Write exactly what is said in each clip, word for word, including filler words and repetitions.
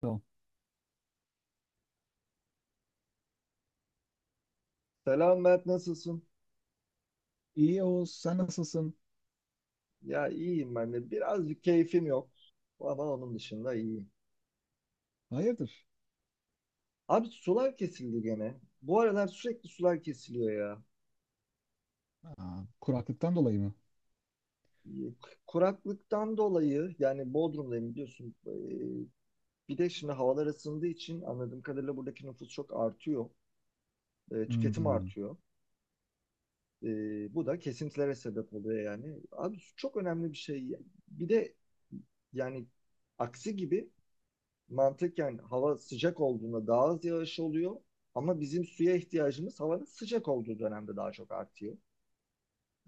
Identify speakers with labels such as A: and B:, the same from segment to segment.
A: Tamam.
B: Selam Mert, nasılsın?
A: İyi Oğuz, sen nasılsın?
B: Ya iyiyim ben de. Birazcık keyfim yok. Ama onun dışında iyiyim.
A: Hayırdır?
B: Abi sular kesildi gene. Bu aralar sürekli sular kesiliyor ya.
A: Aa, kuraklıktan dolayı mı?
B: Ee, Kuraklıktan dolayı yani Bodrum'dayım biliyorsun. Ee, Bir de şimdi havalar ısındığı için anladığım kadarıyla buradaki nüfus çok artıyor. Ee, Tüketim
A: Hmm.
B: artıyor. Ee, Bu da kesintilere sebep oluyor yani. Abi su çok önemli bir şey. Bir de yani aksi gibi mantıken hava sıcak olduğunda daha az yağış oluyor. Ama bizim suya ihtiyacımız havanın sıcak olduğu dönemde daha çok artıyor.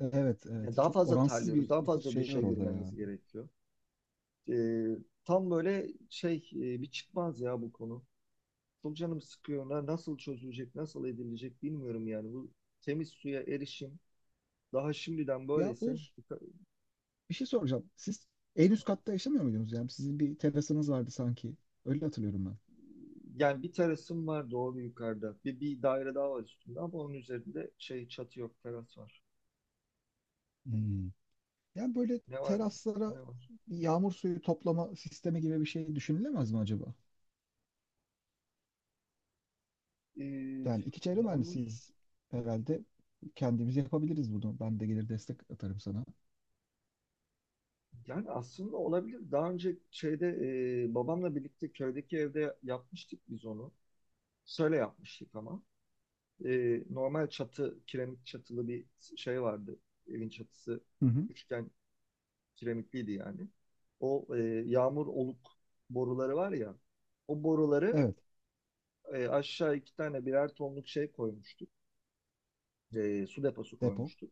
A: Evet,
B: Ya
A: evet.
B: daha
A: Çok
B: fazla
A: oransız
B: terliyoruz,
A: bir
B: daha
A: nüfus
B: fazla
A: şeyi
B: duşa
A: var orada ya.
B: girmemiz gerekiyor. Ee, tam böyle şey e, bir çıkmaz ya bu konu. Çok canım sıkıyor. Na- Nasıl çözülecek, nasıl edilecek bilmiyorum yani. Bu temiz suya erişim daha şimdiden
A: Ya
B: böyleyse
A: Oğuz,
B: yuka-
A: bir şey soracağım. Siz en üst katta yaşamıyor muydunuz? Yani sizin bir terasınız vardı sanki. Öyle hatırlıyorum ben.
B: yani bir terasım var doğru yukarıda. Bir, bir daire daha var üstünde ama onun üzerinde şey çatı yok, teras var.
A: Hmm. Yani böyle
B: Ne var?
A: teraslara
B: Ne var?
A: yağmur suyu toplama sistemi gibi bir şey düşünülemez mi acaba?
B: Ee,
A: Yani iki çevre
B: Yalnız
A: mühendisiyiz herhalde. Kendimiz yapabiliriz bunu. Ben de gelir destek atarım sana.
B: yani aslında olabilir. Daha önce şeyde e, babamla birlikte köydeki evde yapmıştık biz onu. Şöyle yapmıştık ama. Ee, normal çatı, kiremit çatılı bir şey vardı. Evin çatısı
A: Hı hı.
B: üçgen kiremitliydi yani. O e, yağmur oluk boruları var ya. O boruları
A: Evet,
B: e, aşağı iki tane birer tonluk şey koymuştuk. E, su deposu
A: depo.
B: koymuştuk.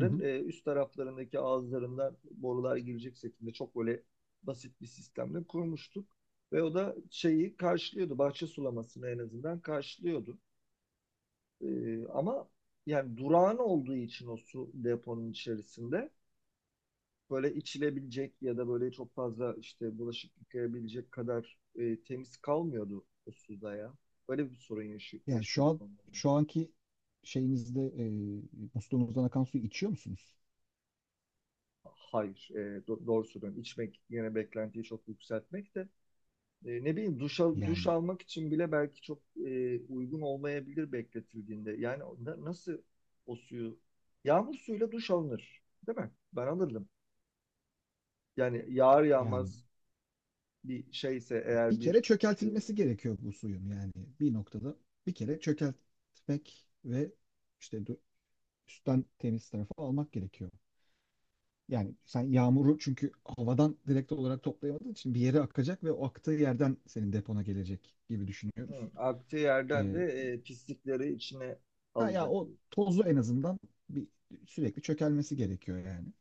A: Hı hı.
B: e, üst taraflarındaki ağızlarından borular girecek şekilde çok böyle basit bir sistemle kurmuştuk. Ve o da şeyi karşılıyordu. Bahçe sulamasını en azından karşılıyordu. E, ama yani durağan olduğu için o su deponun içerisinde böyle içilebilecek ya da böyle çok fazla işte bulaşık yıkayabilecek kadar e, temiz kalmıyordu o suda ya. Böyle bir sorun yaşı-
A: Yani şu
B: yaşıyorduk
A: an
B: onların.
A: şu anki şeyinizde e, musluğunuzdan akan suyu içiyor musunuz?
B: Hayır, e, do- doğru söylüyorum. İçmek yine beklentiyi çok yükseltmek de... E, ne bileyim duş, al- duş
A: Yani
B: almak için bile belki çok e, uygun olmayabilir bekletildiğinde. Yani na- nasıl o suyu? Yağmur suyuyla duş alınır, değil mi? Ben alırdım. Yani yağar
A: yani
B: yağmaz bir şeyse eğer
A: bir kere
B: bir... e,
A: çökeltilmesi gerekiyor bu suyun yani bir noktada bir kere çökeltmek ve işte dö- üstten temiz tarafı almak gerekiyor. Yani sen yağmuru, çünkü havadan direkt olarak toplayamadığın için bir yere akacak ve o aktığı yerden senin depona gelecek gibi düşünüyoruz.
B: hı, aktığı yerden de
A: E,
B: e, pislikleri içine
A: ha ya,
B: alacak
A: o
B: diye.
A: tozu en azından bir sürekli çökelmesi gerekiyor yani.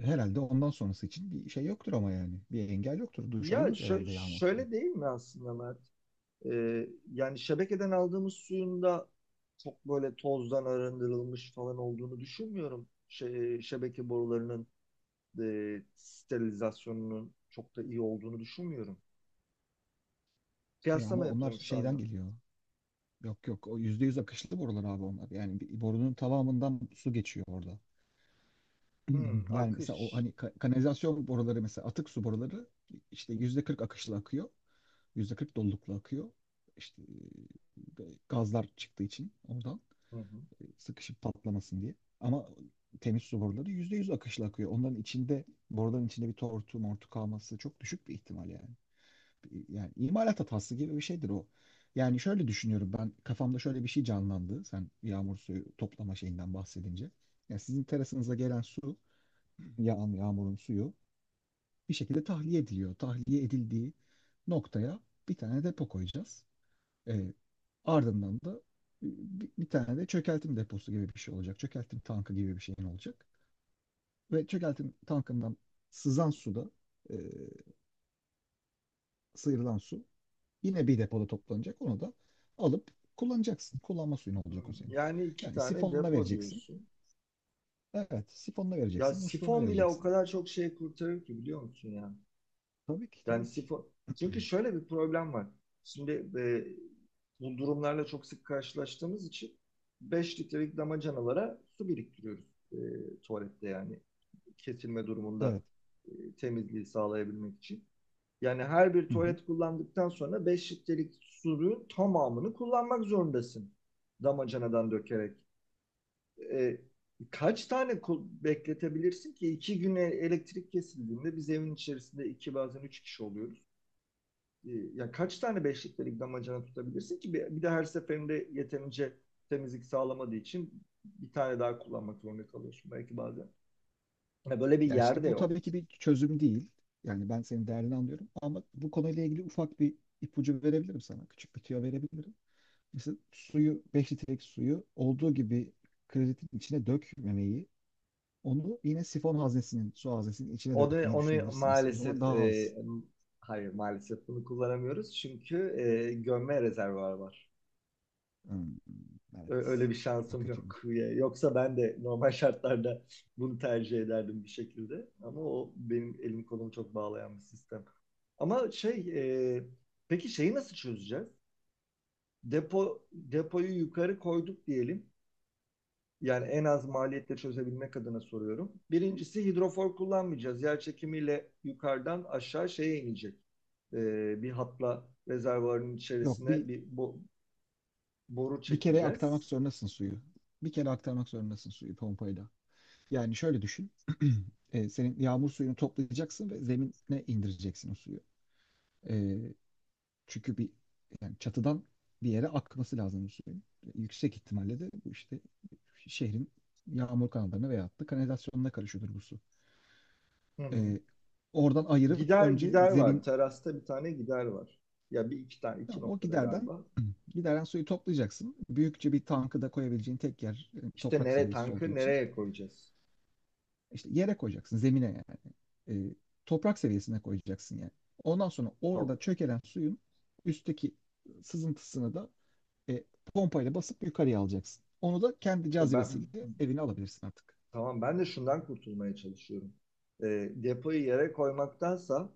A: Herhalde ondan sonrası için bir şey yoktur ama yani. Bir engel yoktur. Duş
B: Ya
A: alınır
B: şö-
A: herhalde yağma suyuyla.
B: şöyle değil mi aslında Mert? E, Yani şebekeden aldığımız suyun da çok böyle tozdan arındırılmış falan olduğunu düşünmüyorum. Şey, şebeke borularının e, sterilizasyonunun çok da iyi olduğunu düşünmüyorum.
A: E, ama
B: Kıyaslama
A: onlar
B: yapıyorum şu
A: şeyden
B: anda.
A: geliyor. Yok, yok, o yüzde yüz akışlı borular abi onlar. Yani bir- borunun tamamından su geçiyor orada.
B: Hmm,
A: Yani mesela o
B: akış.
A: hani ka- kanalizasyon boruları, mesela atık su boruları işte yüzde kırk akışlı akıyor. Yüzde kırk dolulukla akıyor. İşte e, gazlar çıktığı için oradan,
B: Hı hı.
A: sıkışıp patlamasın diye. Ama temiz su boruları yüzde yüz akışla akıyor. Onların içinde, boruların içinde bir tortu mortu kalması çok düşük bir ihtimal yani. Yani imalat hatası gibi bir şeydir o. Yani şöyle düşünüyorum, ben kafamda şöyle bir şey canlandı. Sen yağmur suyu toplama şeyinden bahsedince. Yani sizin terasınıza gelen su, yağan yağmurun suyu bir şekilde tahliye ediliyor. Tahliye edildiği noktaya bir tane depo koyacağız. E, ardından da bir, bir tane de çökeltim deposu gibi bir şey olacak. Çökeltim tankı gibi bir şeyin olacak. Ve çökeltim tankından sızan suda, e, sıyrılan su yine bir depoda toplanacak. Onu da alıp kullanacaksın. Kullanma suyun
B: Hmm.
A: olacak o senin.
B: Yani iki
A: Yani
B: tane
A: sifonla
B: depo
A: vereceksin.
B: diyorsun.
A: Evet, sifonla
B: Ya
A: vereceksin, musluğuna
B: sifon bile o
A: vereceksin.
B: kadar çok şey kurtarır ki biliyor musun yani?
A: Tabii ki,
B: Yani
A: tabii ki.
B: sifon. Çünkü şöyle bir problem var. Şimdi e, bu durumlarla çok sık karşılaştığımız için beş litrelik damacanalara su biriktiriyoruz, e, tuvalette yani kesilme durumunda
A: Evet.
B: e, temizliği sağlayabilmek için. Yani her bir
A: Hı hı.
B: tuvalet kullandıktan sonra beş litrelik suyun tamamını kullanmak zorundasın. Damacanadan dökerek. E, kaç tane bekletebilirsin ki? iki güne elektrik kesildiğinde biz evin içerisinde iki bazen üç kişi oluyoruz. E, ya kaç tane beş litrelik damacana tutabilirsin ki? Bir, de her seferinde yeterince temizlik sağlamadığı için bir tane daha kullanmak zorunda kalıyorsun belki bazen. Ya böyle bir
A: Yani
B: yer
A: şimdi
B: de
A: bu tabii
B: yok.
A: ki bir çözüm değil. Yani ben senin derdini anlıyorum ama bu konuyla ilgili ufak bir ipucu verebilirim sana. Küçük bir tüyo verebilirim. Mesela suyu, beş litrelik suyu olduğu gibi kredetin içine dökmemeyi, onu yine sifon haznesinin, su haznesinin içine
B: Onu,
A: dökmeyi
B: onu
A: düşünebilirsiniz. O zaman
B: maalesef
A: daha
B: e,
A: az.
B: hayır maalesef bunu kullanamıyoruz çünkü e, gömme rezervuar var.
A: Hmm,
B: Ö-
A: evet.
B: Öyle bir
A: O
B: şansım yok.
A: kötüymüş.
B: Ya- Yoksa ben de normal şartlarda bunu tercih ederdim bir şekilde. Ama o benim elim kolumu çok bağlayan bir sistem. Ama şey e, peki şeyi nasıl çözeceğiz? Depo depoyu yukarı koyduk diyelim. Yani en az maliyetle çözebilmek adına soruyorum. Birincisi hidrofor kullanmayacağız. Yer çekimiyle yukarıdan aşağı şeye inecek. Ee, bir hatla rezervuarın
A: Yok, bir
B: içerisine bir bo- boru
A: bir kere aktarmak
B: çekeceğiz.
A: zorundasın suyu. Bir kere aktarmak zorundasın suyu pompayla. Yani şöyle düşün. E, senin yağmur suyunu toplayacaksın ve zemine indireceksin o suyu. E, Çünkü bir, yani çatıdan bir yere akması lazım bu suyun. Yüksek ihtimalle de bu işte şehrin yağmur kanallarına veyahut da kanalizasyonuna karışıyordur bu su.
B: Hı hı.
A: Ee, oradan ayırıp
B: Gider
A: önce
B: gider var.
A: zemin,
B: Terasta bir tane gider var. Ya bir iki tane iki
A: tamam, o
B: noktada
A: giderden
B: galiba.
A: gideren suyu toplayacaksın. Büyükçe bir tankı da koyabileceğin tek yer e,
B: İşte
A: toprak
B: nereye
A: seviyesi olduğu
B: tankı
A: için
B: nereye koyacağız?
A: işte yere koyacaksın, zemine yani. Ee, toprak seviyesine koyacaksın yani. Ondan sonra
B: Top.
A: orada çökelen suyun üstteki sızıntısını da E, pompayla basıp yukarıya alacaksın. Onu da kendi
B: İşte ben
A: cazibesiyle evine alabilirsin artık.
B: tamam ben de şundan kurtulmaya çalışıyorum. Ee, depoyu yere koymaktansa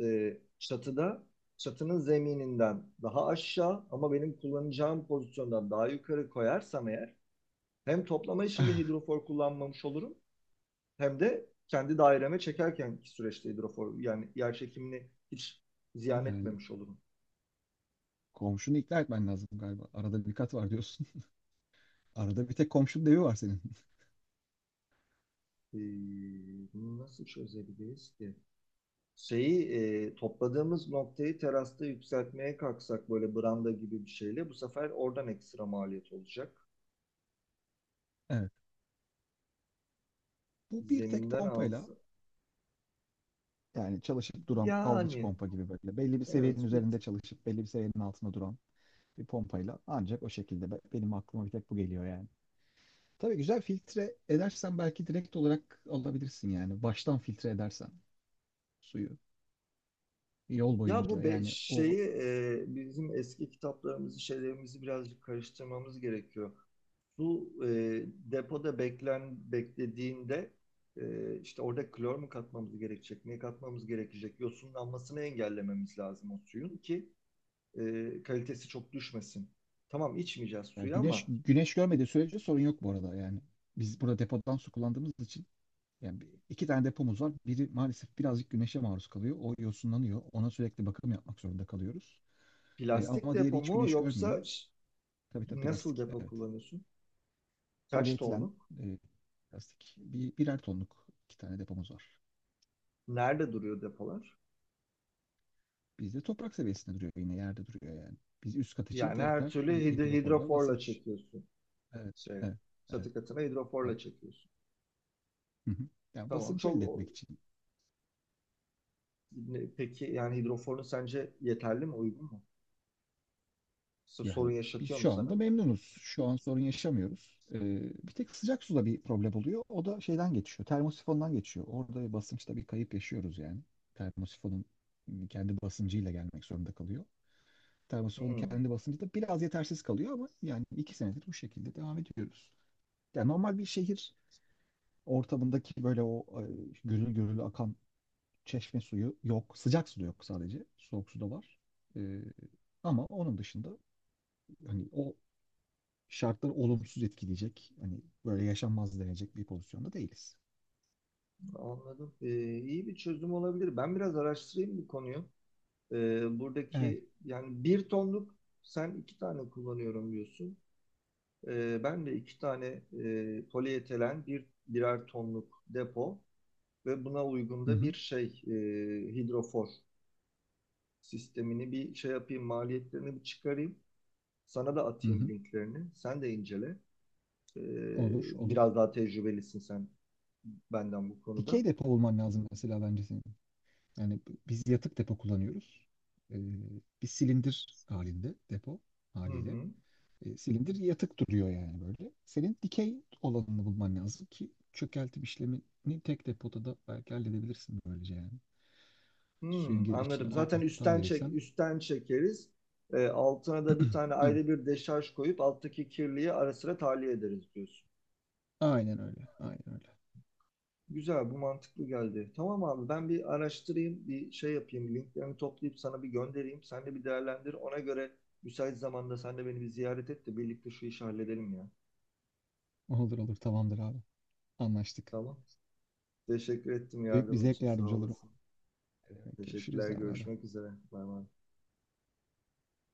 B: e, çatıda çatının zemininden daha aşağı ama benim kullanacağım pozisyondan daha yukarı koyarsam eğer hem toplama işinde hidrofor kullanmamış olurum hem de kendi daireme çekerkenki süreçte hidrofor yani yer çekimini hiç ziyan
A: Yani
B: etmemiş olurum.
A: komşunu ikna etmen lazım galiba. Arada bir kat var diyorsun. Arada bir tek komşunun evi var senin.
B: Ee, bunu nasıl çözebiliriz ki? Şeyi e, topladığımız noktayı terasta yükseltmeye kalksak böyle branda gibi bir şeyle bu sefer oradan ekstra maliyet olacak.
A: Evet. Bu bir tek
B: Zeminden
A: pompayla,
B: alsa.
A: yani çalışıp duran dalgıç
B: Yani
A: pompa gibi, böyle belli bir seviyenin
B: Evet. bir-
A: üzerinde çalışıp belli bir seviyenin altında duran bir pompayla ancak, o şekilde Be- benim aklıma bir tek bu geliyor yani. Tabii güzel filtre edersen belki direkt olarak alabilirsin yani. Baştan filtre edersen suyu, yol
B: Ya bu
A: boyunca
B: be-
A: yani o.
B: şeyi e, bizim eski kitaplarımızı, şeylerimizi birazcık karıştırmamız gerekiyor. Su e, depoda beklen beklediğinde e, işte orada klor mu katmamız gerekecek, ne katmamız gerekecek, yosunlanmasını engellememiz lazım o suyun ki e, kalitesi çok düşmesin. Tamam içmeyeceğiz
A: Yani
B: suyu
A: güneş
B: ama
A: güneş görmediği sürece sorun yok bu arada yani. Biz burada depodan su kullandığımız için, yani bir- iki tane depomuz var. Biri maalesef birazcık güneşe maruz kalıyor. O yosunlanıyor. Ona sürekli bakım yapmak zorunda kalıyoruz. E,
B: plastik
A: ama
B: depo
A: diğeri hiç
B: mu
A: güneş
B: yoksa
A: görmüyor.
B: ş-
A: Tabii tabii,
B: nasıl
A: plastik.
B: depo
A: Evet.
B: kullanıyorsun? Kaç
A: Polietilen
B: tonluk?
A: e, plastik. Bir, birer tonluk iki tane depomuz var.
B: Nerede duruyor depolar?
A: Bizde toprak seviyesinde duruyor, yine yerde duruyor yani. Biz üst kat için
B: Yani her
A: tekrar
B: türlü
A: bir
B: hid-
A: hidroforla
B: hidroforla
A: basınç.
B: çekiyorsun.
A: Evet,
B: Şey,
A: evet, evet,
B: Çatı katına
A: evet.
B: hidroforla çekiyorsun.
A: Hı hı. Yani
B: Tamam.
A: basınç
B: Çok
A: elde etmek için.
B: ne- peki yani hidroforun sence yeterli mi, uygun mu? S- Sorun
A: Yani biz
B: yaşatıyor mu
A: şu anda
B: sana?
A: memnunuz. Şu an sorun yaşamıyoruz. Ee, bir tek sıcak suda bir problem oluyor. O da şeyden geçiyor. Termosifondan geçiyor. Orada bir basınçta bir kayıp yaşıyoruz yani. Termosifonun kendi basıncıyla gelmek zorunda kalıyor. Termosifonun
B: Hmm,
A: kendi basıncı da biraz yetersiz kalıyor ama yani iki senedir bu şekilde devam ediyoruz. Yani normal bir şehir ortamındaki böyle o e, gürül gürül akan çeşme suyu yok. Sıcak su da yok sadece. Soğuk su da var. Ee, ama onun dışında hani o şartlar olumsuz etkileyecek. Hani böyle yaşanmaz denecek bir pozisyonda değiliz.
B: anladım. Ee, iyi bir çözüm olabilir. Ben biraz araştırayım bu konuyu. Ee,
A: Evet.
B: buradaki yani bir tonluk sen iki tane kullanıyorum diyorsun. Ee, ben de iki tane e, polietilen bir birer tonluk depo ve buna uygun
A: Hı
B: da bir
A: hı.
B: şey e, hidrofor sistemini bir şey yapayım, maliyetlerini bir çıkarayım. Sana da
A: Hı
B: atayım
A: hı.
B: linklerini. Sen de incele. Ee,
A: Olur, olur.
B: biraz daha tecrübelisin sen benden bu konuda.
A: Dikey depo olman lazım mesela bence senin. Yani b- biz yatık depo kullanıyoruz. Ee, bir silindir halinde depo
B: Hı
A: haliyle.
B: hı.
A: Ee, silindir yatık duruyor yani, böyle. Senin dikey olanını bulman lazım ki çökeltim işlemini tek depoda da belki halledebilirsin böylece yani. Suyun
B: Hmm,
A: girişini
B: anladım. Zaten
A: alttan
B: üstten çek
A: verirsen.
B: üstten çekeriz. Ee, altına da bir tane
A: Evet.
B: ayrı bir deşarj koyup alttaki kirliyi ara sıra tahliye ederiz diyorsun.
A: Aynen öyle. Aynen öyle.
B: Güzel, bu mantıklı geldi. Tamam abi, ben bir araştırayım, bir şey yapayım, linklerini toplayıp sana bir göndereyim. Sen de bir değerlendir. Ona göre müsait zamanda sen de beni bir ziyaret et de birlikte şu işi halledelim ya.
A: Olur olur, tamamdır abi. Anlaştık.
B: Tamam. Teşekkür ettim
A: Büyük bir
B: yardımın için,
A: zevkle
B: sağ
A: yardımcı olurum.
B: olasın.
A: Ne demek. Görüşürüz
B: Teşekkürler,
A: abi. Abi.
B: görüşmek üzere. Bay bay.